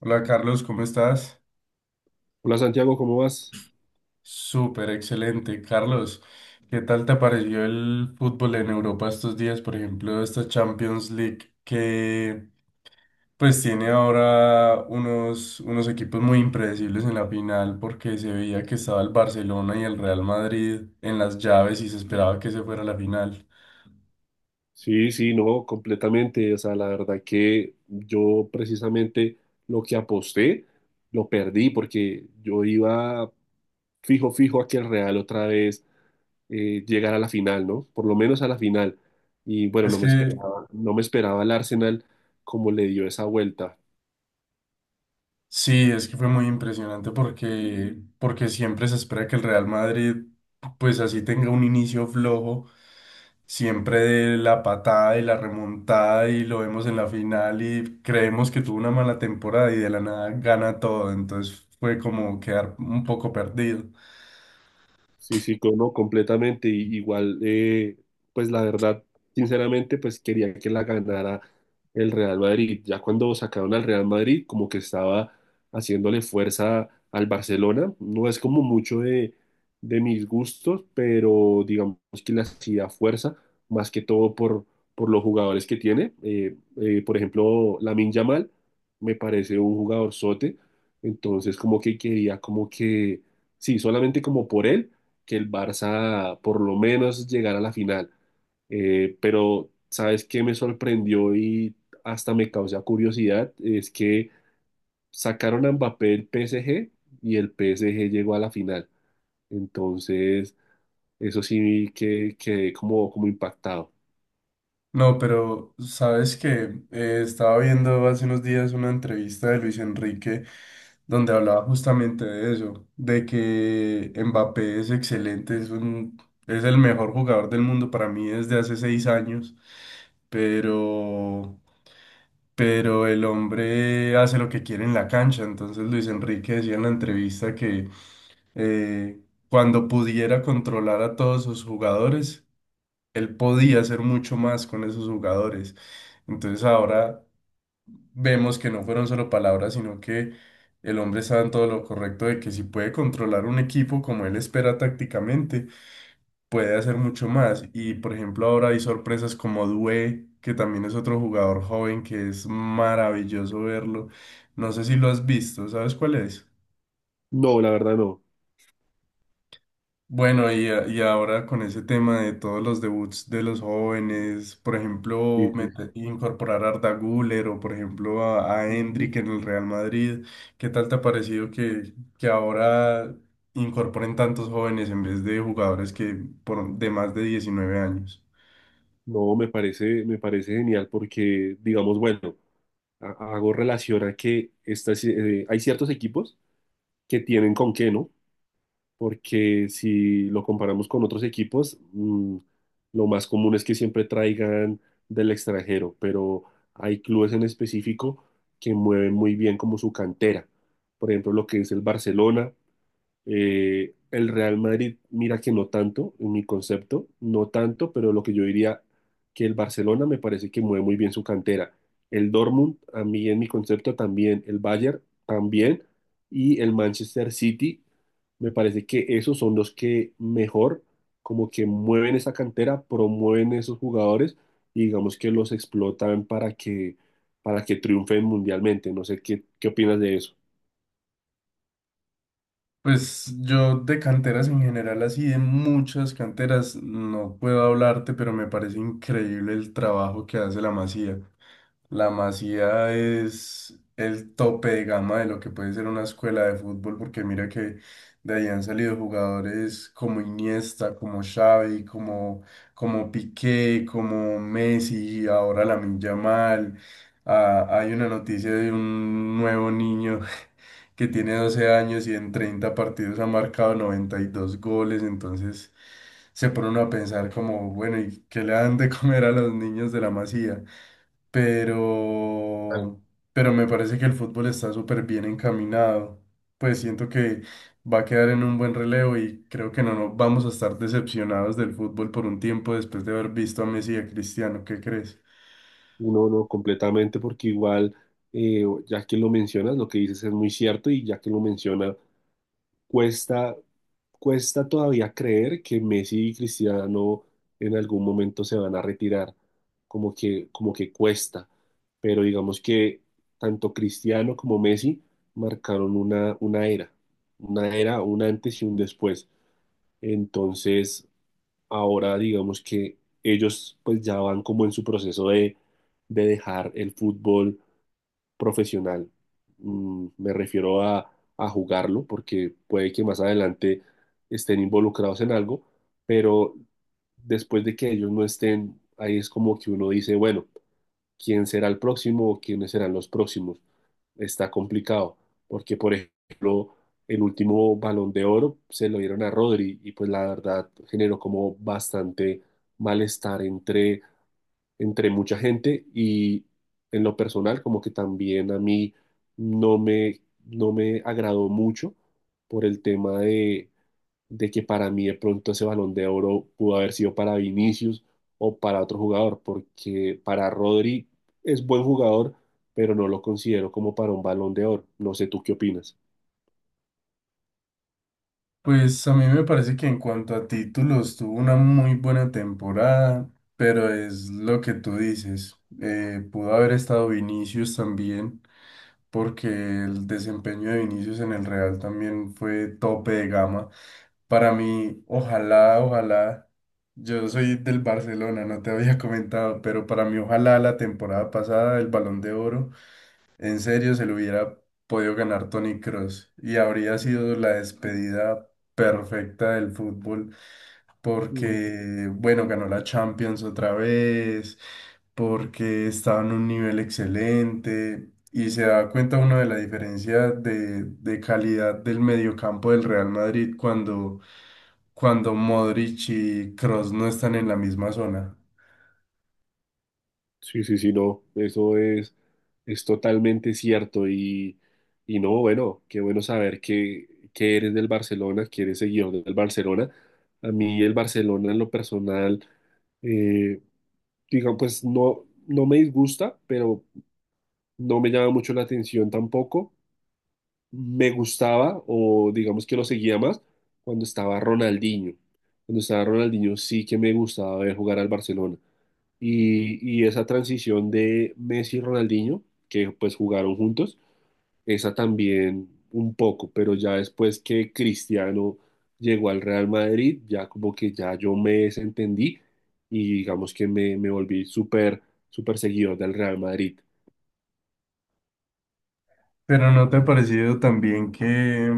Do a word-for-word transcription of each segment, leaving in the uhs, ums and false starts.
Hola Carlos, ¿cómo estás? Hola Santiago, ¿cómo vas? Súper excelente. Carlos, ¿qué tal te pareció el fútbol en Europa estos días? Por ejemplo, esta Champions League que pues tiene ahora unos, unos equipos muy impredecibles en la final porque se veía que estaba el Barcelona y el Real Madrid en las llaves y se esperaba que se fuera a la final. Sí, sí, no, completamente. O sea, la verdad que yo precisamente lo que aposté lo perdí porque yo iba fijo, fijo a que el Real otra vez eh, llegara a la final, ¿no? Por lo menos a la final. Y bueno, Es no me que esperaba, no me esperaba el Arsenal como le dio esa vuelta. Sí, es que fue muy impresionante porque, porque siempre se espera que el Real Madrid, pues así tenga un inicio flojo, siempre de la patada y la remontada y lo vemos en la final y creemos que tuvo una mala temporada y de la nada gana todo, entonces fue como quedar un poco perdido. Sí, sí, co- no, completamente. Y, igual, eh, pues la verdad, sinceramente, pues quería que la ganara el Real Madrid. Ya cuando sacaron al Real Madrid, como que estaba haciéndole fuerza al Barcelona. No es como mucho de, de mis gustos, pero digamos que le hacía fuerza, más que todo por, por los jugadores que tiene. Eh, eh, por ejemplo, Lamine Yamal me parece un jugador sote. Entonces, como que quería, como que, sí, solamente como por él que el Barça por lo menos llegara a la final. Eh, pero, ¿sabes qué me sorprendió y hasta me causa curiosidad? Es que sacaron a Mbappé el P S G y el P S G llegó a la final. Entonces, eso sí que quedé como, como impactado. No, pero sabes que estaba viendo hace unos días una entrevista de Luis Enrique donde hablaba justamente de eso, de que Mbappé es excelente, es un, es el mejor jugador del mundo para mí desde hace seis años, pero, pero el hombre hace lo que quiere en la cancha. Entonces Luis Enrique decía en la entrevista que eh, cuando pudiera controlar a todos sus jugadores él podía hacer mucho más con esos jugadores. Entonces ahora vemos que no fueron solo palabras, sino que el hombre estaba en todo lo correcto de que si puede controlar un equipo como él espera tácticamente, puede hacer mucho más. Y por ejemplo ahora hay sorpresas como Due, que también es otro jugador joven que es maravilloso verlo. No sé si lo has visto, ¿sabes cuál es? No, la verdad no. Bueno, y, a- y ahora con ese tema de todos los debuts de los jóvenes, por ejemplo, Sí, sí, sí. mete- incorporar a Arda Güler o por ejemplo a, a Ujú. Endrick en el Real Madrid, ¿qué tal te ha parecido que, que ahora incorporen tantos jóvenes en vez de jugadores que por, de más de diecinueve años? No, me parece, me parece genial porque, digamos, bueno, ha- hago relación a que estas, eh, hay ciertos equipos que tienen con qué, ¿no? Porque si lo comparamos con otros equipos, mm, lo más común es que siempre traigan del extranjero, pero hay clubes en específico que mueven muy bien como su cantera. Por ejemplo, lo que es el Barcelona, eh, el Real Madrid, mira que no tanto, en mi concepto, no tanto, pero lo que yo diría que el Barcelona me parece que mueve muy bien su cantera. El Dortmund, a mí en mi concepto también, el Bayern también, y el Manchester City, me parece que esos son los que mejor, como que mueven esa cantera, promueven esos jugadores y digamos que los explotan para que, para que triunfen mundialmente. No sé qué, qué opinas de eso. Pues yo de canteras en general, así de muchas canteras, no puedo hablarte, pero me parece increíble el trabajo que hace la Masía. La Masía es el tope de gama de lo que puede ser una escuela de fútbol, porque mira que de ahí han salido jugadores como Iniesta, como Xavi, como, como Piqué, como Messi, ahora Lamine Yamal. Ah, hay una noticia de un nuevo niño que tiene doce años y en treinta partidos ha marcado noventa y dos goles, entonces se pone uno a pensar como, bueno, ¿y qué le dan de comer a los niños de la Masía? pero, pero me parece que el fútbol está súper bien encaminado. Pues siento que va a quedar en un buen relevo y creo que no nos vamos a estar decepcionados del fútbol por un tiempo después de haber visto a Messi y a Cristiano. ¿Qué crees? No, no, completamente, porque igual, eh, ya que lo mencionas, lo que dices es muy cierto y ya que lo menciona, cuesta, cuesta todavía creer que Messi y Cristiano en algún momento se van a retirar, como que, como que cuesta, pero digamos que tanto Cristiano como Messi marcaron una, una era, una era, un antes y un después. Entonces, ahora digamos que ellos pues ya van como en su proceso de, de dejar el fútbol profesional. Mm, me refiero a, a jugarlo porque puede que más adelante estén involucrados en algo, pero después de que ellos no estén, ahí es como que uno dice, bueno, quién será el próximo o quiénes serán los próximos. Está complicado, porque por ejemplo, el último Balón de Oro se lo dieron a Rodri y pues la verdad generó como bastante malestar entre, entre mucha gente y en lo personal como que también a mí no me, no me agradó mucho por el tema de de que para mí de pronto ese Balón de Oro pudo haber sido para Vinicius o para otro jugador, porque para Rodri es buen jugador, pero no lo considero como para un Balón de Oro. No sé tú qué opinas. Pues a mí me parece que en cuanto a títulos tuvo una muy buena temporada, pero es lo que tú dices. Eh, pudo haber estado Vinicius también, porque el desempeño de Vinicius en el Real también fue tope de gama. Para mí, ojalá, ojalá, yo soy del Barcelona, no te había comentado, pero para mí, ojalá la temporada pasada el Balón de Oro en serio, se lo hubiera podido ganar Tony Cross y habría sido la despedida perfecta del fútbol Ujú. porque, bueno, ganó la Champions otra vez, porque estaba en un nivel excelente y se da cuenta uno de la diferencia de, de calidad del mediocampo del Real Madrid cuando, cuando Modric y Cross no están en la misma zona. Sí, sí, sí, no, eso es, es totalmente cierto y, y no, bueno, qué bueno saber que, que eres del Barcelona, que eres seguidor del Barcelona. A mí el Barcelona en lo personal, eh, digamos, pues no, no me disgusta, pero no me llama mucho la atención tampoco. Me gustaba, o digamos que lo seguía más, cuando estaba Ronaldinho. Cuando estaba Ronaldinho sí que me gustaba ver jugar al Barcelona. Y, y esa transición de Messi y Ronaldinho, que pues jugaron juntos, esa también un poco, pero ya después que Cristiano llegó al Real Madrid, ya como que ya yo me desentendí y digamos que me, me volví súper, súper seguidor del Real Madrid. Pero ¿no te ha parecido también que...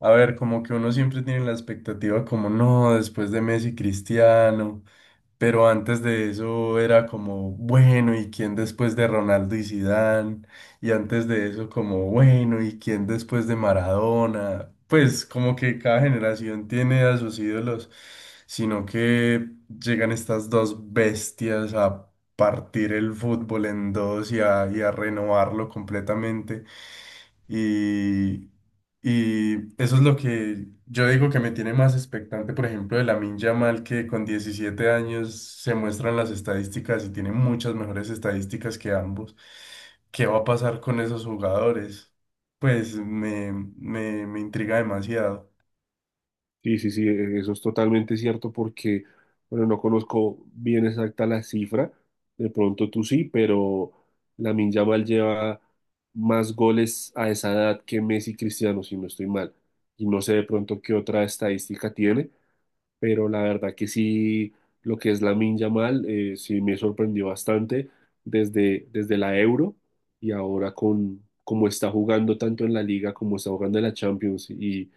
A ver, como que uno siempre tiene la expectativa como no, después de Messi Cristiano, pero antes de eso era como bueno, ¿y quién después de Ronaldo y Zidane? Y antes de eso como bueno, ¿y quién después de Maradona? Pues como que cada generación tiene a sus ídolos, sino que llegan estas dos bestias a partir el fútbol en dos y a, y a renovarlo completamente. Y, y eso es lo que yo digo que me tiene más expectante, por ejemplo, de Lamine Yamal, que con diecisiete años se muestran las estadísticas y tiene muchas mejores estadísticas que ambos. ¿Qué va a pasar con esos jugadores? Pues me, me, me intriga demasiado. Sí, sí, sí, e- eso es totalmente cierto porque, bueno, no conozco bien exacta la cifra, de pronto tú sí, pero Lamine Yamal lleva más goles a esa edad que Messi y Cristiano, si no estoy mal, y no sé de pronto qué otra estadística tiene, pero la verdad que sí, lo que es Lamine Yamal, eh, sí me sorprendió bastante desde, desde la Euro y ahora con cómo está jugando tanto en la Liga como está jugando en la Champions y,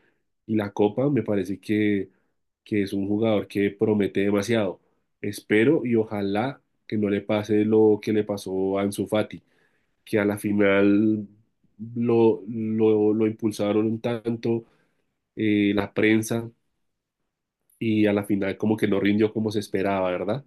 y la Copa, me parece que, que es un jugador que promete demasiado. Espero y ojalá que no le pase lo que le pasó a Ansu Fati, que a la final lo, lo, lo impulsaron tanto eh, la prensa y a la final como que no rindió como se esperaba, ¿verdad?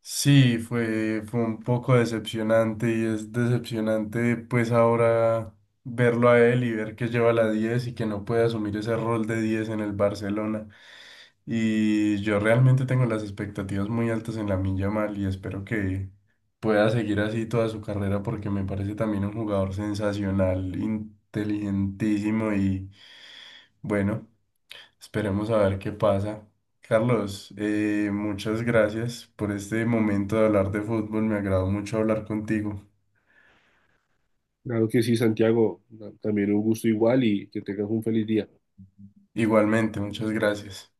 Sí, fue, fue un poco decepcionante y es decepcionante pues ahora verlo a él y ver que lleva la diez y que no puede asumir ese rol de diez en el Barcelona. Y yo realmente tengo las expectativas muy altas en la Yamal y espero que pueda seguir así toda su carrera porque me parece también un jugador sensacional, inteligentísimo y bueno. Esperemos a ver qué pasa. Carlos, eh, muchas gracias por este momento de hablar de fútbol. Me agradó mucho hablar contigo. Claro que sí, Santiago, na- también un gusto igual y que tengas un feliz día. Igualmente, muchas gracias.